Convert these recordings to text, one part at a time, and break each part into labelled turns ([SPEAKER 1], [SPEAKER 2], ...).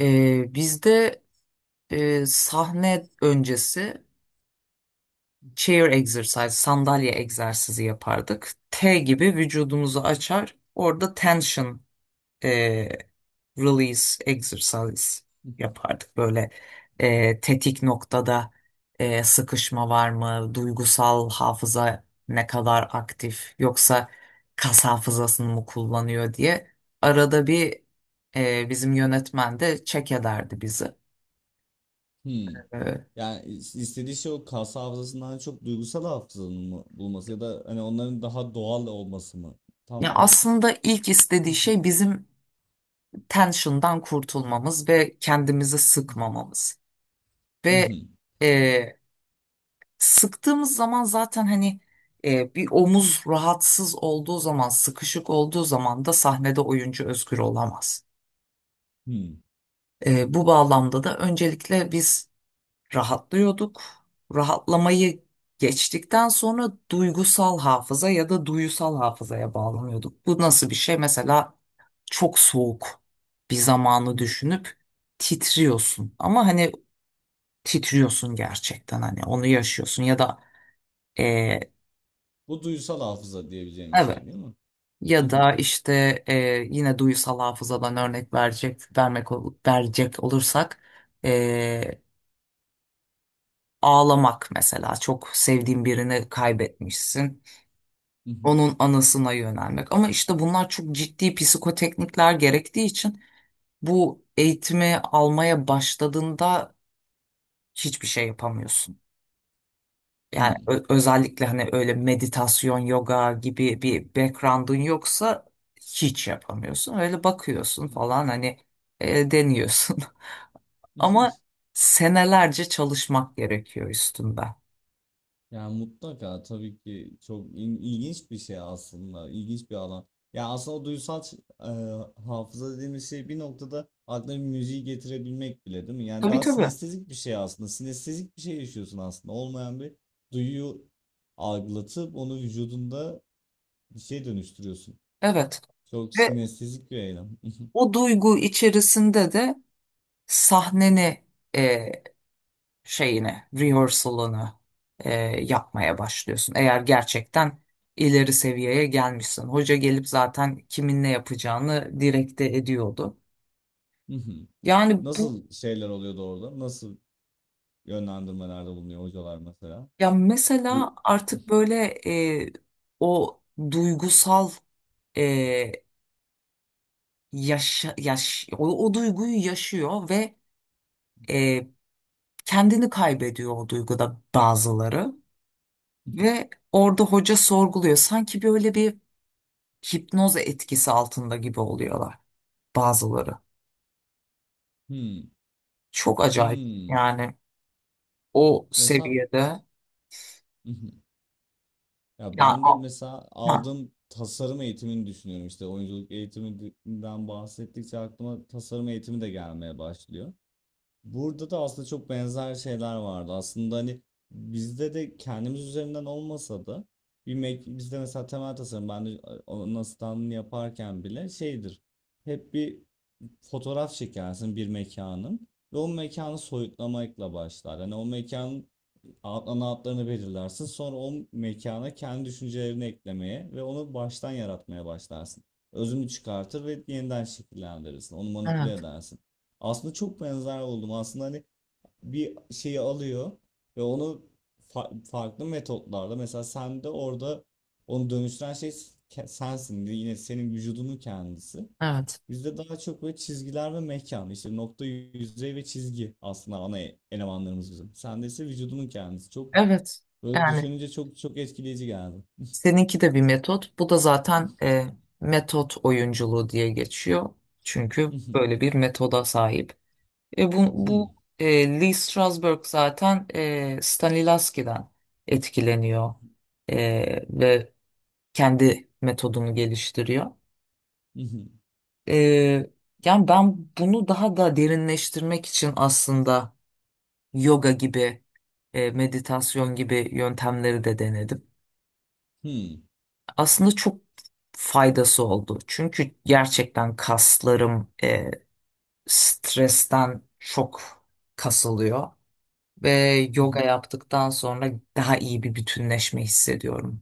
[SPEAKER 1] Bizde sahne öncesi chair exercise, sandalye egzersizi yapardık. T gibi vücudumuzu açar, orada tension e, release exercise yapardık. Böyle tetik noktada sıkışma var mı, duygusal hafıza ne kadar aktif, yoksa kas hafızasını mı kullanıyor diye. Arada bir bizim yönetmen de check ederdi bizi.
[SPEAKER 2] Hmm. Yani istediği şey o kas hafızasından çok duygusal hafızanın mı bulması ya da hani onların daha doğal olması mı? Tam
[SPEAKER 1] Ya
[SPEAKER 2] o
[SPEAKER 1] aslında ilk istediği şey bizim tension'dan kurtulmamız ve kendimizi sıkmamamız. Ve e, Sıktığımız zaman zaten hani bir omuz rahatsız olduğu zaman, sıkışık olduğu zaman da sahnede oyuncu özgür olamaz.
[SPEAKER 2] Hmm.
[SPEAKER 1] E, bu bağlamda da öncelikle biz rahatlıyorduk. Rahatlamayı geçtikten sonra duygusal hafıza ya da duyusal hafızaya bağlanıyorduk. Bu nasıl bir şey? Mesela çok soğuk bir zamanı düşünüp titriyorsun. Ama hani titriyorsun gerçekten hani onu yaşıyorsun ya da e,
[SPEAKER 2] Bu duygusal hafıza diyebileceğimiz
[SPEAKER 1] evet,
[SPEAKER 2] şey değil mi? Hı
[SPEAKER 1] ya
[SPEAKER 2] hı,
[SPEAKER 1] da işte yine duyusal hafızadan örnek verecek vermek ol- verecek olursak e, ağlamak, mesela çok sevdiğin birini kaybetmişsin.
[SPEAKER 2] hı
[SPEAKER 1] Onun anısına yönelmek. Ama işte bunlar çok ciddi psikoteknikler gerektiği için bu eğitimi almaya başladığında hiçbir şey yapamıyorsun. Yani
[SPEAKER 2] hı,
[SPEAKER 1] özellikle hani öyle meditasyon, yoga gibi bir background'un yoksa hiç yapamıyorsun. Öyle bakıyorsun
[SPEAKER 2] hı
[SPEAKER 1] falan hani deniyorsun.
[SPEAKER 2] hı.
[SPEAKER 1] Ama senelerce çalışmak gerekiyor üstünde.
[SPEAKER 2] Yani mutlaka tabii ki çok ilginç bir şey aslında. İlginç bir alan. Ya aslında o duysal hafıza dediğimiz şey bir noktada aklına bir müziği getirebilmek bile değil mi? Yani
[SPEAKER 1] Tabii
[SPEAKER 2] daha
[SPEAKER 1] tabii.
[SPEAKER 2] sinestezik bir şey aslında. Sinestezik bir şey yaşıyorsun aslında. Olmayan bir duyuyu algılatıp onu vücudunda bir şey dönüştürüyorsun.
[SPEAKER 1] Evet.
[SPEAKER 2] Çok
[SPEAKER 1] Ve
[SPEAKER 2] sinestezik bir eylem.
[SPEAKER 1] o duygu içerisinde de sahneni e, şeyini, rehearsal'ını e, yapmaya başlıyorsun. Eğer gerçekten ileri seviyeye gelmişsin. Hoca gelip zaten kimin ne yapacağını direkte ediyordu. Yani bu
[SPEAKER 2] Nasıl şeyler oluyordu orada? Nasıl yönlendirmelerde bulunuyor hocalar mesela?
[SPEAKER 1] Ya
[SPEAKER 2] Bu
[SPEAKER 1] mesela artık böyle e, o duygusal, e, o duyguyu yaşıyor ve e, kendini kaybediyor o duyguda bazıları, ve orada hoca sorguluyor. Sanki böyle bir hipnoz etkisi altında gibi oluyorlar bazıları.
[SPEAKER 2] Hmm.
[SPEAKER 1] Çok acayip
[SPEAKER 2] Hmm.
[SPEAKER 1] yani o
[SPEAKER 2] Mesela.
[SPEAKER 1] seviyede.
[SPEAKER 2] Hı hı. Ya
[SPEAKER 1] Ya,
[SPEAKER 2] ben
[SPEAKER 1] a-
[SPEAKER 2] de mesela
[SPEAKER 1] ha,
[SPEAKER 2] aldığım tasarım eğitimini düşünüyorum, işte oyunculuk eğitiminden bahsettikçe aklıma tasarım eğitimi de gelmeye başlıyor. Burada da aslında çok benzer şeyler vardı. Aslında hani bizde de kendimiz üzerinden olmasa da bizde mesela temel tasarım, ben de onun asistanlığını yaparken bile şeydir. Hep bir fotoğraf çekersin bir mekanın, ve o mekanı soyutlamakla başlar. Hani o mekan outline outlarını belirlersin. Sonra o mekana kendi düşüncelerini eklemeye ve onu baştan yaratmaya başlarsın. Özünü çıkartır ve yeniden şekillendirirsin. Onu manipüle
[SPEAKER 1] evet,
[SPEAKER 2] edersin. Aslında çok benzer oldum. Aslında hani bir şeyi alıyor ve onu farklı metotlarla, mesela sen de orada onu dönüştüren şey sensin. Yine senin vücudunun kendisi.
[SPEAKER 1] evet,
[SPEAKER 2] Bizde daha çok böyle çizgiler ve mekan, işte nokta, yüzey ve çizgi aslında ana elemanlarımız bizim. Sende ise vücudunun kendisi. Çok.
[SPEAKER 1] evet.
[SPEAKER 2] Böyle
[SPEAKER 1] Yani
[SPEAKER 2] düşününce çok çok etkileyici geldi.
[SPEAKER 1] seninki de bir metot. Bu da zaten metot oyunculuğu diye geçiyor. Çünkü böyle bir metoda sahip. E, bu Lee Strasberg zaten Stanislavski'den etkileniyor E, ve kendi metodunu geliştiriyor. Ee, Yani ben bunu daha da derinleştirmek için aslında yoga gibi, meditasyon gibi yöntemleri de denedim. Aslında çok faydası oldu. Çünkü gerçekten kaslarım stresten çok kasılıyor ve yoga yaptıktan sonra daha iyi bir bütünleşme hissediyorum.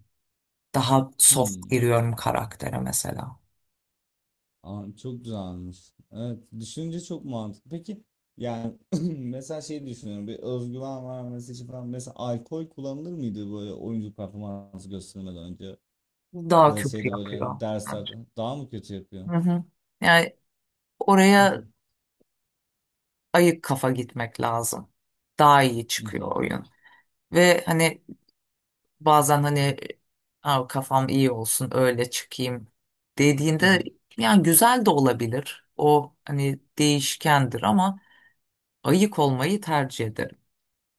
[SPEAKER 1] Daha soft giriyorum karaktere mesela.
[SPEAKER 2] Aa, çok güzelmiş. Evet, düşününce çok mantıklı. Peki, yani mesela şey düşünüyorum, bir özgüven vermesi için falan mesela alkol kullanılır mıydı böyle oyuncu performansı göstermeden önce,
[SPEAKER 1] Daha
[SPEAKER 2] ya da
[SPEAKER 1] kötü
[SPEAKER 2] şeyde böyle
[SPEAKER 1] yapıyor
[SPEAKER 2] hani
[SPEAKER 1] bence.
[SPEAKER 2] derslerde daha mı kötü yapıyor?
[SPEAKER 1] Hı hı. Yani oraya ayık kafa gitmek lazım. Daha iyi çıkıyor oyun. Ve hani bazen hani "Aa, kafam iyi olsun, öyle çıkayım" dediğinde yani güzel de olabilir. O hani değişkendir ama ayık olmayı tercih ederim.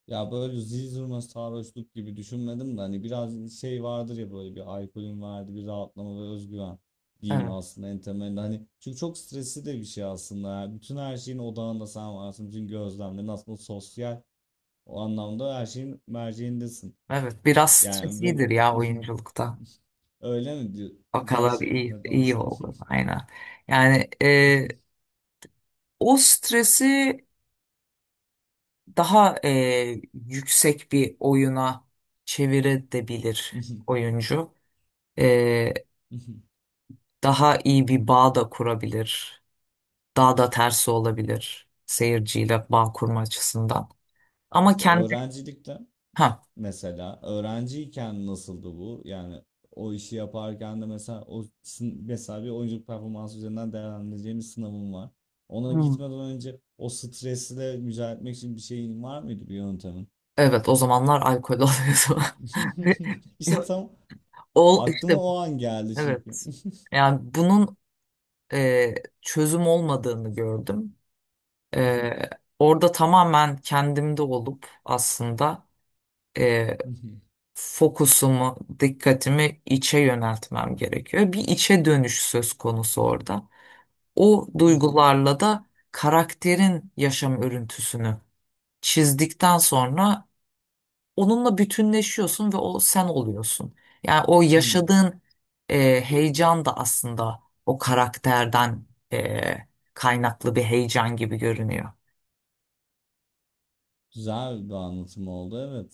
[SPEAKER 2] Ya böyle zil zurna sarhoşluk gibi düşünmedim de hani biraz şey vardır ya, böyle bir alkolün verdiği bir rahatlama ve özgüven diyeyim
[SPEAKER 1] Evet,
[SPEAKER 2] aslında, en temelinde hani, çünkü çok stresli de bir şey aslında ya. Bütün her şeyin odağında sen varsın, bütün gözlemlerin aslında sosyal o anlamda her şeyin merceğindesin
[SPEAKER 1] evet biraz
[SPEAKER 2] yani. Ve
[SPEAKER 1] streslidir ya oyunculukta.
[SPEAKER 2] öyle mi diyor,
[SPEAKER 1] O kadar
[SPEAKER 2] gerçi
[SPEAKER 1] iyi,
[SPEAKER 2] neden
[SPEAKER 1] iyi
[SPEAKER 2] olmasın.
[SPEAKER 1] oldu aynen. Yani o stresi daha yüksek bir oyuna çevirebilir oyuncu. E, daha iyi bir bağ da kurabilir, daha da tersi olabilir seyirciyle bağ kurma açısından. Ama
[SPEAKER 2] işte
[SPEAKER 1] kendi
[SPEAKER 2] öğrencilikte
[SPEAKER 1] ha.
[SPEAKER 2] mesela, öğrenciyken nasıldı bu? Yani o işi yaparken de mesela mesela bir oyunculuk performansı üzerinden değerlendireceğimiz sınavım var. Ona
[SPEAKER 1] Hmm.
[SPEAKER 2] gitmeden önce o stresle mücadele etmek için bir şeyin var mıydı, bir yöntemin?
[SPEAKER 1] Evet, o zamanlar alkol alıyordu.
[SPEAKER 2] İşte
[SPEAKER 1] Ve-
[SPEAKER 2] tam
[SPEAKER 1] Ol
[SPEAKER 2] aklıma
[SPEAKER 1] işte
[SPEAKER 2] o an geldi çünkü.
[SPEAKER 1] Evet. Yani bunun e, çözüm olmadığını gördüm. E, orada tamamen kendimde olup aslında e, fokusumu, dikkatimi içe yöneltmem gerekiyor. Bir içe dönüş söz konusu orada. O duygularla da karakterin yaşam örüntüsünü çizdikten sonra onunla bütünleşiyorsun ve o sen oluyorsun. Yani o yaşadığın heyecan da aslında o karakterden e, kaynaklı bir heyecan gibi görünüyor.
[SPEAKER 2] Güzel bir anlatım oldu, evet.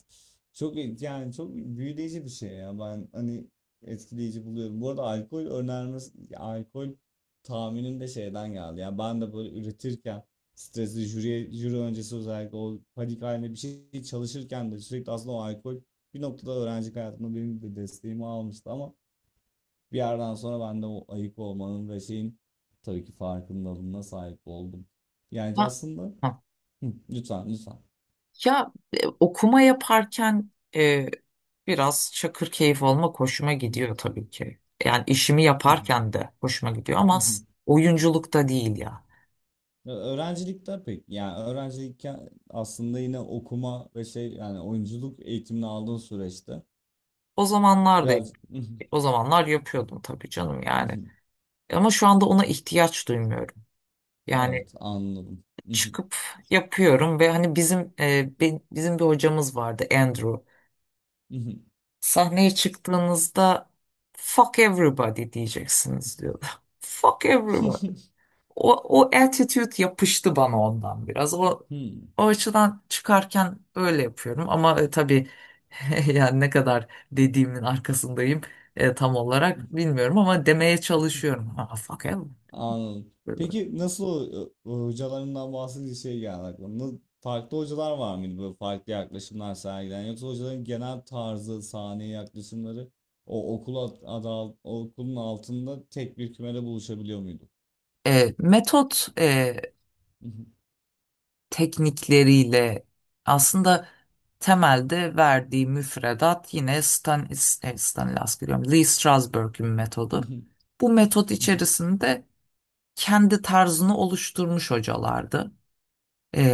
[SPEAKER 2] Çok yani çok büyüleyici bir şey ya. Ben hani etkileyici buluyorum. Bu arada alkol önermesi, alkol tahminim de şeyden geldi. Yani ben de böyle üretirken stresli jüri, jüri öncesi, özellikle o panik halinde bir şey çalışırken de sürekli aslında o alkol bir noktada öğrencilik hayatımda benim de desteğimi almıştı. Ama bir yerden sonra ben de o ayık olmanın ve şeyin tabii ki farkındalığına sahip oldum. Yani
[SPEAKER 1] Ha,
[SPEAKER 2] aslında.
[SPEAKER 1] ha.
[SPEAKER 2] Hı, lütfen lütfen.
[SPEAKER 1] Ya okuma yaparken e, biraz çakır keyif olmak hoşuma gidiyor tabii ki. Yani işimi yaparken de hoşuma gidiyor
[SPEAKER 2] Hı
[SPEAKER 1] ama
[SPEAKER 2] hı.
[SPEAKER 1] oyunculukta değil ya.
[SPEAKER 2] Ya öğrencilikte pek, yani öğrencilikken aslında yine okuma ve şey, yani oyunculuk eğitimini aldığın süreçte
[SPEAKER 1] O zamanlar da
[SPEAKER 2] biraz. Hı hı,
[SPEAKER 1] o zamanlar yapıyordum tabii canım
[SPEAKER 2] hı
[SPEAKER 1] yani.
[SPEAKER 2] hı.
[SPEAKER 1] Ama şu anda ona ihtiyaç duymuyorum. Yani
[SPEAKER 2] Evet, anladım. Hı hı,
[SPEAKER 1] çıkıp yapıyorum ve hani bizim bizim bir hocamız vardı, Andrew.
[SPEAKER 2] hı hı.
[SPEAKER 1] Sahneye çıktığınızda fuck everybody diyeceksiniz diyordu. Fuck everybody. O, O attitude yapıştı bana ondan biraz.
[SPEAKER 2] Hı.
[SPEAKER 1] O açıdan çıkarken öyle yapıyorum. Ama tabii yani ne kadar dediğimin arkasındayım tam olarak bilmiyorum ama demeye çalışıyorum. Ha, fuck hell.
[SPEAKER 2] Anladım.
[SPEAKER 1] Böyle.
[SPEAKER 2] Peki nasıl o hocalarından bahsedince şey geldi aklıma. Farklı hocalar var mıydı böyle farklı yaklaşımlar sergileyen, yoksa hocaların genel tarzı, sahneye yaklaşımları o okul okulun altında tek bir kümede buluşabiliyor muydu?
[SPEAKER 1] E, metot teknikleriyle aslında temelde verdiği müfredat yine Stanislas diyorum, Lee Strasberg'in
[SPEAKER 2] Hı
[SPEAKER 1] metodu.
[SPEAKER 2] hı,
[SPEAKER 1] Bu metot
[SPEAKER 2] hı hı,
[SPEAKER 1] içerisinde kendi tarzını oluşturmuş hocalardı.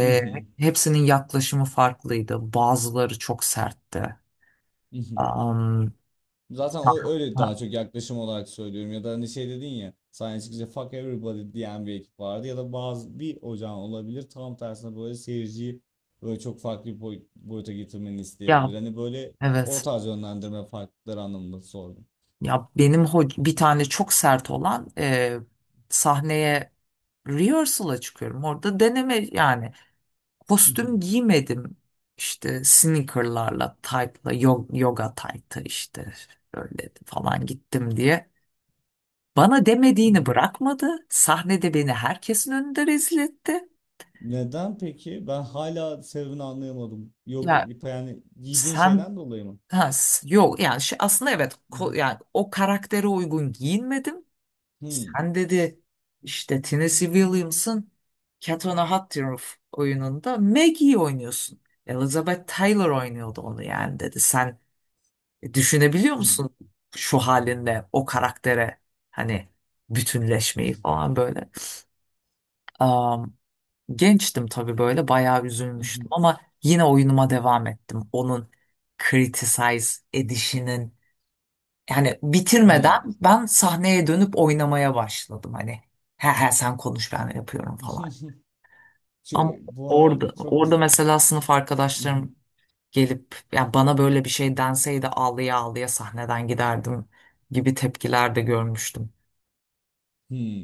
[SPEAKER 2] hı hı,
[SPEAKER 1] Hepsinin yaklaşımı farklıydı. Bazıları çok sertti.
[SPEAKER 2] hı hı.
[SPEAKER 1] Am,
[SPEAKER 2] Zaten
[SPEAKER 1] ha-
[SPEAKER 2] o öyle daha
[SPEAKER 1] ha-
[SPEAKER 2] çok yaklaşım olarak söylüyorum, ya da hani şey dedin ya, sahne çıkınca fuck everybody diyen bir ekip vardı, ya da bazı bir ocağın olabilir tam tersine, böyle seyirciyi böyle çok farklı bir boyuta getirmeni
[SPEAKER 1] Ya
[SPEAKER 2] isteyebilir. Hani böyle o
[SPEAKER 1] evet.
[SPEAKER 2] tarz yönlendirme farklılıkları anlamında sordum.
[SPEAKER 1] Ya benim
[SPEAKER 2] Hı
[SPEAKER 1] bir
[SPEAKER 2] hı,
[SPEAKER 1] tane çok sert olan sahneye rehearsal'a çıkıyorum. Orada deneme yani.
[SPEAKER 2] hı hı,
[SPEAKER 1] Kostüm giymedim. İşte sneakerlarla, tight'la, yoga tight'ı işte böyle falan gittim diye. Bana
[SPEAKER 2] hı
[SPEAKER 1] demediğini
[SPEAKER 2] hı.
[SPEAKER 1] bırakmadı. Sahnede beni herkesin önünde rezil etti.
[SPEAKER 2] Neden peki? Ben hala sebebini anlayamadım. Yok,
[SPEAKER 1] Ya
[SPEAKER 2] yani giydiğin
[SPEAKER 1] sen
[SPEAKER 2] şeyden dolayı mı?
[SPEAKER 1] ha, yok yani şey, aslında evet,
[SPEAKER 2] Hı hı.
[SPEAKER 1] yani o karaktere uygun giyinmedim.
[SPEAKER 2] Hı
[SPEAKER 1] Sen dedi işte Tennessee Williams'ın Cat on a Hot Tin Roof oyununda Maggie'yi oynuyorsun. Elizabeth Taylor oynuyordu onu yani dedi. Düşünebiliyor
[SPEAKER 2] hı,
[SPEAKER 1] musun şu halinle o karaktere hani
[SPEAKER 2] hı.
[SPEAKER 1] bütünleşmeyi falan böyle. Am, Gençtim tabii, böyle bayağı üzülmüştüm ama yine oyunuma devam ettim. Onun criticize edişinin yani bitirmeden ben sahneye dönüp oynamaya başladım hani. He he, sen konuş ben yapıyorum falan. Ama
[SPEAKER 2] Bu arada
[SPEAKER 1] orada,
[SPEAKER 2] çok
[SPEAKER 1] orada mesela sınıf arkadaşlarım gelip ya bana böyle bir şey denseydi ağlaya ağlaya sahneden giderdim gibi tepkiler de görmüştüm.
[SPEAKER 2] Hmm.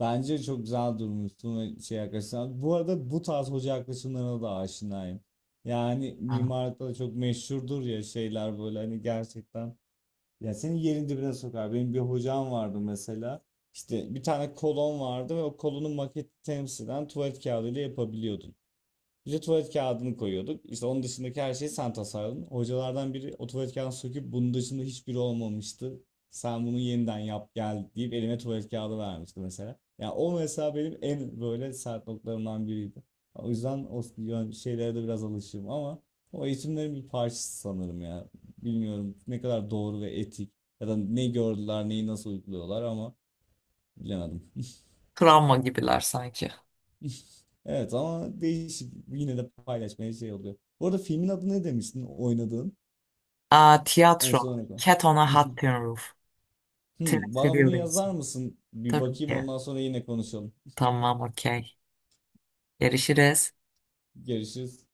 [SPEAKER 2] Bence çok güzel durmuşsun. Ve şey arkadaşlar, bu arada bu tarz hoca yaklaşımlarına da aşinayım. Yani
[SPEAKER 1] Yani
[SPEAKER 2] mimarlıkta da çok meşhurdur ya şeyler böyle hani, gerçekten. Ya seni yerin dibine sokar. Benim bir hocam vardı mesela. İşte bir tane kolon vardı ve o kolonun maketi temsilen tuvalet kağıdıyla yapabiliyordu. Bir de tuvalet kağıdını koyuyorduk. İşte onun dışındaki her şeyi sen tasarladın. Hocalardan biri o tuvalet kağıdını söküp, bunun dışında hiçbiri olmamıştı. Sen bunu yeniden yap gel deyip elime tuvalet kağıdı vermişti mesela. Yani o mesela benim en böyle sert noktalarımdan biriydi. O yüzden o şeylere de biraz alışığım ama o eğitimlerin bir parçası sanırım ya. Bilmiyorum ne kadar doğru ve etik, ya da ne gördüler, neyi nasıl uyguluyorlar, ama bilemedim.
[SPEAKER 1] travma gibiler sanki.
[SPEAKER 2] Evet, ama değişik. Yine de paylaşmaya şey oluyor. Bu arada filmin adı ne demiştin oynadığın?
[SPEAKER 1] Aa,
[SPEAKER 2] En
[SPEAKER 1] tiyatro.
[SPEAKER 2] son ne kadar?
[SPEAKER 1] Cat on a Hot Tin Roof.
[SPEAKER 2] Hmm,
[SPEAKER 1] Tennessee
[SPEAKER 2] bana bunu yazar
[SPEAKER 1] Williamson.
[SPEAKER 2] mısın? Bir
[SPEAKER 1] Tabii
[SPEAKER 2] bakayım,
[SPEAKER 1] ki.
[SPEAKER 2] ondan sonra yine konuşalım.
[SPEAKER 1] Tamam, okey. Görüşürüz.
[SPEAKER 2] Görüşürüz.